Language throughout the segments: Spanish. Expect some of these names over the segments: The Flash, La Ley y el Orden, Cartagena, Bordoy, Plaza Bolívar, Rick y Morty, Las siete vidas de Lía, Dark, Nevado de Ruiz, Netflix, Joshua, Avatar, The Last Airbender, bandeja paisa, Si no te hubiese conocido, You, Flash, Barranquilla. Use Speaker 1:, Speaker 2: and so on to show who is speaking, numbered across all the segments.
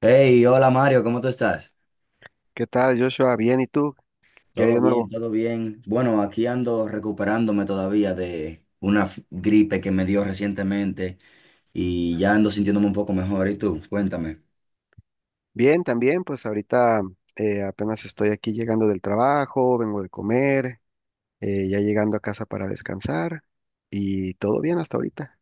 Speaker 1: Hey, hola Mario, ¿cómo tú estás?
Speaker 2: ¿Qué tal, Joshua? Bien, ¿y tú? ¿Qué hay
Speaker 1: Todo
Speaker 2: de
Speaker 1: bien,
Speaker 2: nuevo?
Speaker 1: todo bien. Bueno, aquí ando recuperándome todavía de una gripe que me dio recientemente y ya ando sintiéndome un poco mejor. ¿Y tú? Cuéntame.
Speaker 2: Bien, también, pues ahorita apenas estoy aquí llegando del trabajo, vengo de comer, ya llegando a casa para descansar y todo bien hasta ahorita.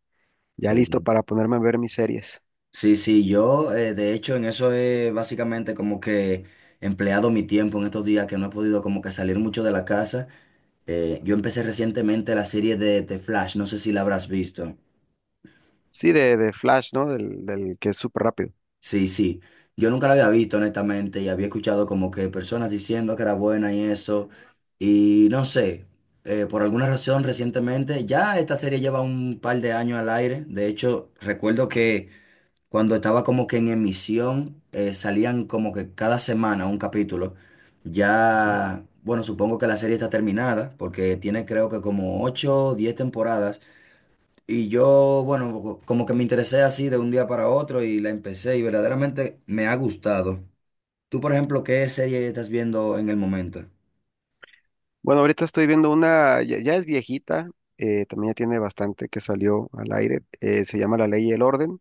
Speaker 2: Ya listo
Speaker 1: Eh,
Speaker 2: para ponerme a ver mis series.
Speaker 1: Sí, sí, yo de hecho en eso he básicamente como que empleado mi tiempo en estos días que no he podido como que salir mucho de la casa. Yo empecé recientemente la serie de The Flash, no sé si la habrás visto.
Speaker 2: Sí, de Flash, ¿no? Del que es súper rápido.
Speaker 1: Sí, sí. Yo nunca la había visto, honestamente, y había escuchado como que personas diciendo que era buena y eso. Y no sé, por alguna razón recientemente, ya esta serie lleva un par de años al aire. De hecho, recuerdo que cuando estaba como que en emisión, salían como que cada semana un capítulo.
Speaker 2: Ujú.
Speaker 1: Ya, bueno, supongo que la serie está terminada, porque tiene creo que como 8 o 10 temporadas. Y yo, bueno, como que me interesé así de un día para otro y la empecé y verdaderamente me ha gustado. Tú, por ejemplo, ¿qué serie estás viendo en el momento?
Speaker 2: Bueno, ahorita estoy viendo una, ya, ya es viejita, también ya tiene bastante que salió al aire. Se llama La Ley y el Orden,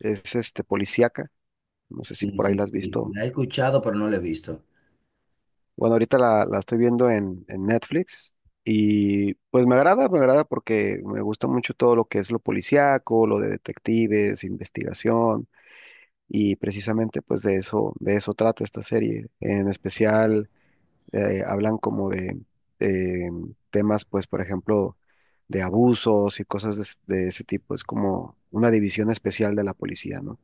Speaker 2: es este policíaca, no sé si
Speaker 1: Sí,
Speaker 2: por ahí
Speaker 1: sí,
Speaker 2: la has
Speaker 1: sí.
Speaker 2: visto.
Speaker 1: La he escuchado, pero no la he visto.
Speaker 2: Bueno, ahorita la estoy viendo en Netflix y pues me agrada porque me gusta mucho todo lo que es lo policíaco, lo de detectives, investigación y precisamente pues de eso trata esta serie. En especial hablan como de eh, temas pues por ejemplo de abusos y cosas de, de ese tipo. Es como una división especial de la policía, ¿no?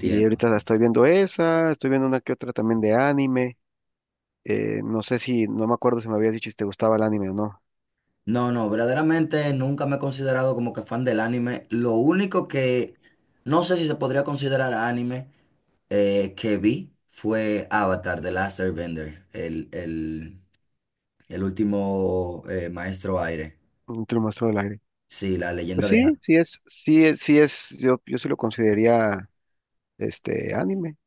Speaker 2: Y ahorita la estoy viendo esa, estoy viendo una que otra también de anime. No sé si, no me acuerdo si me habías dicho si te gustaba el anime o no.
Speaker 1: No, no, verdaderamente nunca me he considerado como que fan del anime. Lo único que no sé si se podría considerar anime que vi fue Avatar, The Last Airbender, el último maestro aire.
Speaker 2: Un te lo del aire.
Speaker 1: Sí, la
Speaker 2: Pues
Speaker 1: leyenda de
Speaker 2: sí,
Speaker 1: Aang.
Speaker 2: sí es, sí es, sí es, yo sí lo consideraría este anime,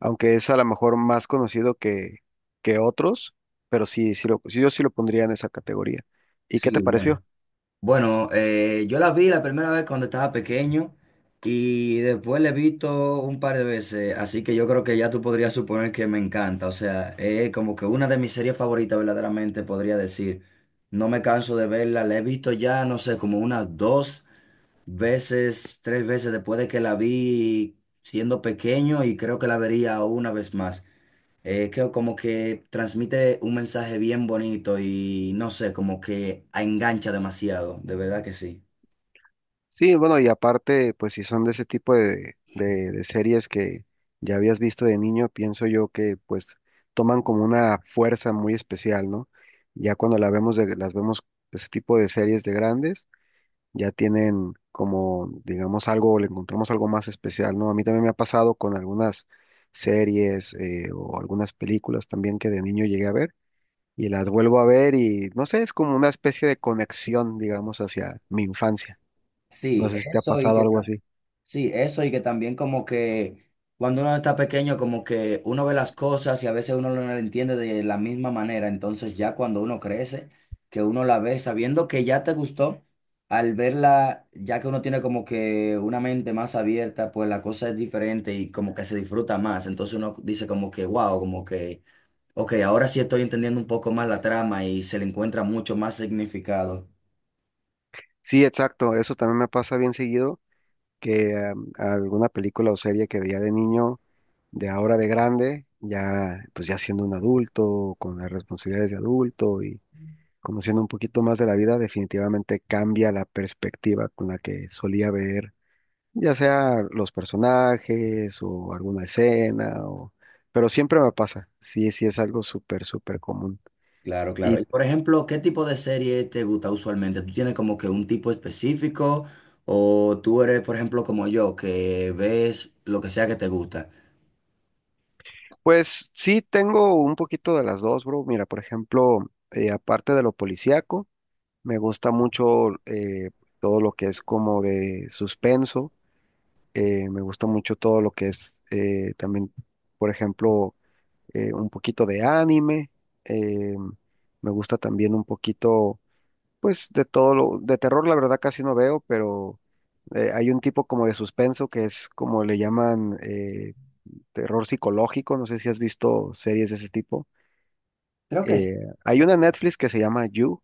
Speaker 2: aunque es a lo mejor más conocido que otros, pero sí, sí lo, sí, yo sí lo pondría en esa categoría. ¿Y qué te
Speaker 1: Sí, bueno.
Speaker 2: pareció?
Speaker 1: Bueno, yo la vi la primera vez cuando estaba pequeño y después la he visto un par de veces, así que yo creo que ya tú podrías suponer que me encanta, o sea, es como que una de mis series favoritas verdaderamente podría decir. No me canso de verla, la he visto ya, no sé, como unas dos veces, tres veces después de que la vi siendo pequeño y creo que la vería una vez más, es que como que transmite un mensaje bien bonito y no sé, como que engancha demasiado, de verdad que sí.
Speaker 2: Sí, bueno, y aparte, pues si son de ese tipo de, de series que ya habías visto de niño, pienso yo que pues toman como una fuerza muy especial, ¿no? Ya cuando las vemos ese tipo de series de grandes, ya tienen como, digamos, algo, le encontramos algo más especial, ¿no? A mí también me ha pasado con algunas series o algunas películas también que de niño llegué a ver y las vuelvo a ver y no sé, es como una especie de conexión, digamos, hacia mi infancia. No
Speaker 1: Sí,
Speaker 2: sé si te ha
Speaker 1: eso y
Speaker 2: pasado
Speaker 1: que
Speaker 2: algo así.
Speaker 1: sí, eso y que también como que cuando uno está pequeño, como que uno ve las cosas y a veces uno no las entiende de la misma manera. Entonces ya cuando uno crece, que uno la ve sabiendo que ya te gustó, al verla, ya que uno tiene como que una mente más abierta, pues la cosa es diferente y como que se disfruta más. Entonces uno dice como que, wow, como que ok, ahora sí estoy entendiendo un poco más la trama y se le encuentra mucho más significado.
Speaker 2: Sí, exacto, eso también me pasa bien seguido, que alguna película o serie que veía de niño, de ahora de grande, ya pues ya siendo un adulto, con las responsabilidades de adulto y conociendo un poquito más de la vida, definitivamente cambia la perspectiva con la que solía ver, ya sea los personajes o alguna escena, o... pero siempre me pasa, sí, sí es algo súper, súper común.
Speaker 1: Claro, claro.
Speaker 2: ¿Y
Speaker 1: Y por ejemplo, ¿qué tipo de serie te gusta usualmente? ¿Tú tienes como que un tipo específico o tú eres, por ejemplo, como yo, que ves lo que sea que te gusta?
Speaker 2: pues sí, tengo un poquito de las dos, bro? Mira, por ejemplo, aparte de lo policíaco, me gusta mucho todo lo que es como de suspenso. Me gusta mucho todo lo que es también, por ejemplo, un poquito de anime. eh, Me gusta también un poquito, pues, de todo lo de terror. La verdad casi no veo, pero hay un tipo como de suspenso que es como le llaman terror psicológico. No sé si has visto series de ese tipo.
Speaker 1: Creo que
Speaker 2: eh,
Speaker 1: es.
Speaker 2: Hay una en Netflix que se llama You,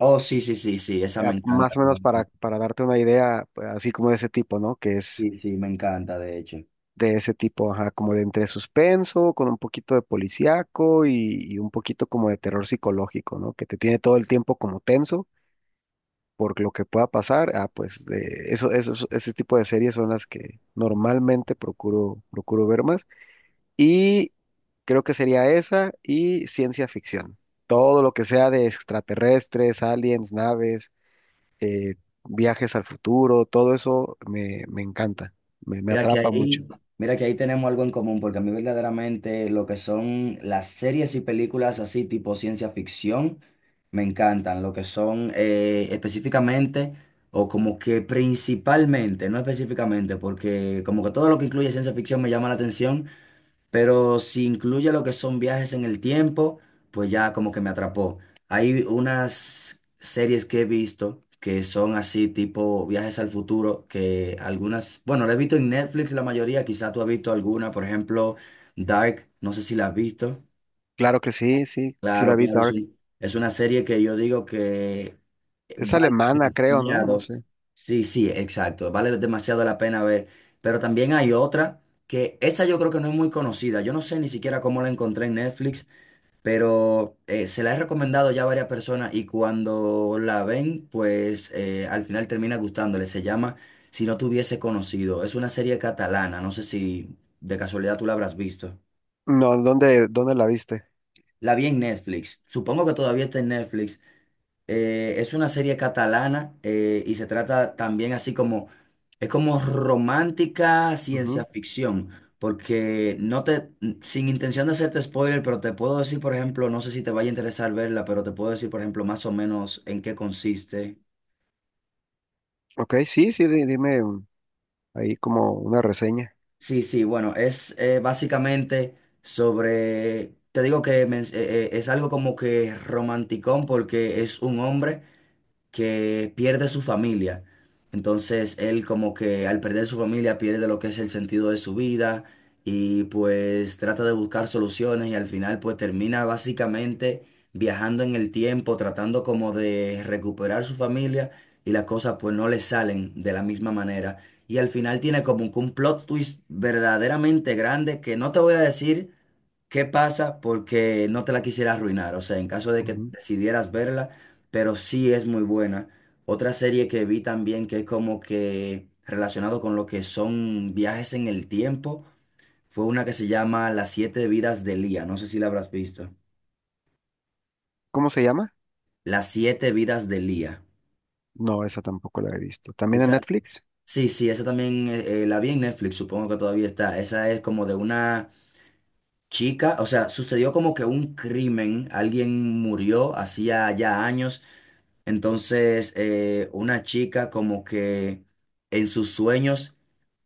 Speaker 1: Oh, sí, sí, sí, sí, esa me encanta.
Speaker 2: más o menos para darte una idea, pues, así como de ese tipo, ¿no? Que es
Speaker 1: Sí, sí, me encanta, de hecho.
Speaker 2: de ese tipo, ajá, como de entre suspenso, con un poquito de policíaco y un poquito como de terror psicológico, ¿no? Que te tiene todo el tiempo como tenso por lo que pueda pasar. Ah, pues de eso, ese tipo de series son las que normalmente procuro, procuro ver más. Y creo que sería esa y ciencia ficción. Todo lo que sea de extraterrestres, aliens, naves eh, viajes al futuro, todo eso me, me encanta, me
Speaker 1: Mira que
Speaker 2: atrapa mucho.
Speaker 1: ahí, mira que ahí tenemos algo en común, porque a mí verdaderamente lo que son las series y películas así tipo ciencia ficción me encantan, lo que son específicamente o como que principalmente, no específicamente, porque como que todo lo que incluye ciencia ficción me llama la atención, pero si incluye lo que son viajes en el tiempo, pues ya como que me atrapó. Hay unas series que he visto que son así tipo viajes al futuro, que algunas, bueno, la he visto en Netflix la mayoría, quizá tú has visto alguna, por ejemplo, Dark, no sé si la has visto.
Speaker 2: Claro que sí, sí, sí
Speaker 1: Claro,
Speaker 2: la vi
Speaker 1: claro, es
Speaker 2: Dark.
Speaker 1: un, es una serie que yo digo que
Speaker 2: Es
Speaker 1: vale
Speaker 2: alemana, creo, ¿no? No
Speaker 1: demasiado.
Speaker 2: sé.
Speaker 1: Sí, sí, exacto. Vale demasiado la pena ver. Pero también hay otra que esa yo creo que no es muy conocida. Yo no sé ni siquiera cómo la encontré en Netflix, pero se la he recomendado ya a varias personas y cuando la ven, pues al final termina gustándole. Se llama Si no te hubiese conocido. Es una serie catalana. No sé si de casualidad tú la habrás visto.
Speaker 2: No, ¿dónde, dónde la viste?
Speaker 1: La vi en Netflix. Supongo que todavía está en Netflix. Es una serie catalana y se trata también así como, es como romántica ciencia
Speaker 2: Ujú.
Speaker 1: ficción, porque no te, sin intención de hacerte spoiler, pero te puedo decir, por ejemplo, no sé si te vaya a interesar verla, pero te puedo decir, por ejemplo, más o menos en qué consiste.
Speaker 2: Ok, sí, sí, dime un ahí como una reseña.
Speaker 1: Sí, sí, bueno, es básicamente sobre, te digo que es algo como que romanticón porque es un hombre que pierde su familia. Entonces él como que al perder su familia pierde lo que es el sentido de su vida y pues trata de buscar soluciones y al final pues termina básicamente viajando en el tiempo, tratando como de recuperar su familia y las cosas pues no le salen de la misma manera. Y al final tiene como que un plot twist verdaderamente grande que no te voy a decir ¿qué pasa? Porque no te la quisiera arruinar, o sea, en caso de que
Speaker 2: Ujú.
Speaker 1: decidieras verla, pero sí es muy buena. Otra serie que vi también que es como que relacionado con lo que son viajes en el tiempo, fue una que se llama Las siete vidas de Lía, no sé si la habrás visto.
Speaker 2: ¿Cómo se llama?
Speaker 1: Las siete vidas de Lía.
Speaker 2: No, esa tampoco la he visto. ¿También en
Speaker 1: Esa,
Speaker 2: Netflix?
Speaker 1: sí, sí, esa también la vi en Netflix, supongo que todavía está. Esa es como de una chica, o sea, sucedió como que un crimen, alguien murió hacía ya años. Entonces, una chica como que en sus sueños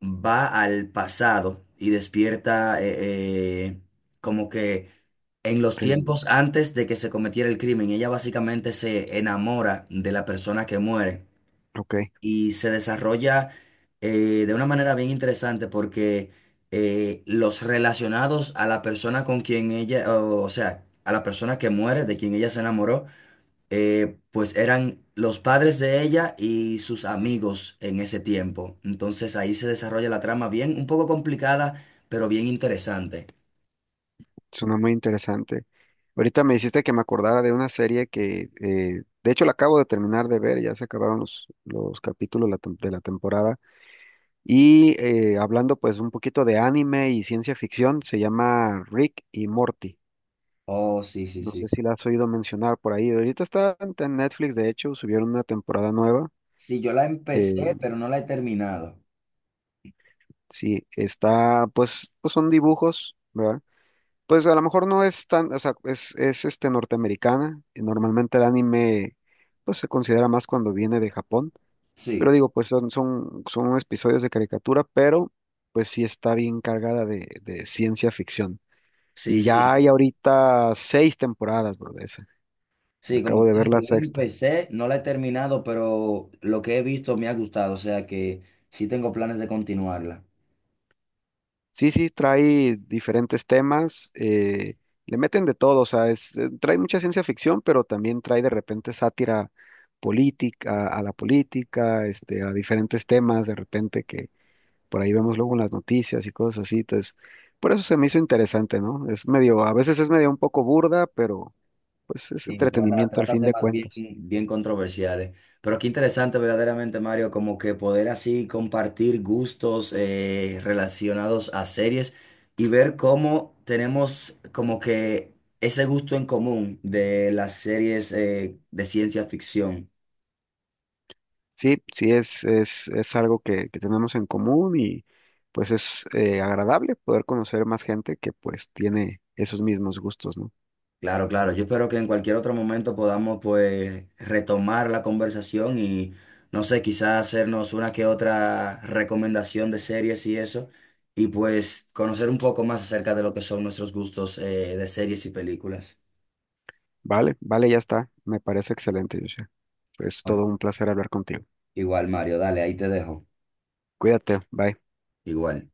Speaker 1: va al pasado y despierta como que en los
Speaker 2: El
Speaker 1: tiempos antes de que se cometiera el crimen. Ella básicamente se enamora de la persona que muere
Speaker 2: ok,
Speaker 1: y se desarrolla de una manera bien interesante porque los relacionados a la persona con quien ella, o sea, a la persona que muere, de quien ella se enamoró, pues eran los padres de ella y sus amigos en ese tiempo. Entonces ahí se desarrolla la trama bien, un poco complicada, pero bien interesante.
Speaker 2: suena muy interesante. Ahorita me hiciste que me acordara de una serie que, de hecho, la acabo de terminar de ver, ya se acabaron los capítulos de la temporada. Y hablando pues un poquito de anime y ciencia ficción, se llama Rick y Morty.
Speaker 1: Oh, sí, sí,
Speaker 2: No sé
Speaker 1: sí.
Speaker 2: si la has oído mencionar por ahí. Ahorita está en Netflix, de hecho, subieron una temporada nueva.
Speaker 1: Sí, yo la empecé,
Speaker 2: Eh,
Speaker 1: pero no la he terminado.
Speaker 2: sí, está, pues, pues son dibujos, ¿verdad? Pues a lo mejor no es tan, o sea, es este norteamericana. Y normalmente el anime, pues se considera más cuando viene de Japón. Pero
Speaker 1: Sí,
Speaker 2: digo, pues son, son, son episodios de caricatura, pero pues sí está bien cargada de ciencia ficción.
Speaker 1: sí,
Speaker 2: Y ya hay
Speaker 1: sí.
Speaker 2: ahorita 6 temporadas, bro, de esa.
Speaker 1: Sí, como
Speaker 2: Acabo de
Speaker 1: te
Speaker 2: ver
Speaker 1: digo,
Speaker 2: la
Speaker 1: yo la
Speaker 2: sexta.
Speaker 1: empecé, no la he terminado, pero lo que he visto me ha gustado, o sea que sí tengo planes de continuarla.
Speaker 2: Sí, sí, trae diferentes temas, le meten de todo, o sea, es, trae mucha ciencia ficción, pero también trae de repente sátira política, a la política, este, a diferentes temas, de repente que por ahí vemos luego en las noticias y cosas así. Entonces, por eso se me hizo interesante, ¿no? Es medio, a veces es medio un poco burda, pero pues es
Speaker 1: Sí, trata,
Speaker 2: entretenimiento al
Speaker 1: trata
Speaker 2: fin de
Speaker 1: temas bien,
Speaker 2: cuentas.
Speaker 1: bien controversiales. Pero qué interesante verdaderamente, Mario, como que poder así compartir gustos relacionados a series y ver cómo tenemos como que ese gusto en común de las series de ciencia ficción.
Speaker 2: Sí, sí, es algo que tenemos en común y pues es agradable poder conocer más gente que pues tiene esos mismos gustos, ¿no?
Speaker 1: Claro, claro. Yo espero que en cualquier otro momento podamos pues retomar la conversación y no sé, quizás hacernos una que otra recomendación de series y eso, y pues conocer un poco más acerca de lo que son nuestros gustos de series y películas.
Speaker 2: Vale, vale, ya está. Me parece excelente, Joshua. Es
Speaker 1: Bueno,
Speaker 2: todo un placer hablar contigo.
Speaker 1: igual, Mario, dale, ahí te dejo.
Speaker 2: Cuídate, bye.
Speaker 1: Igual.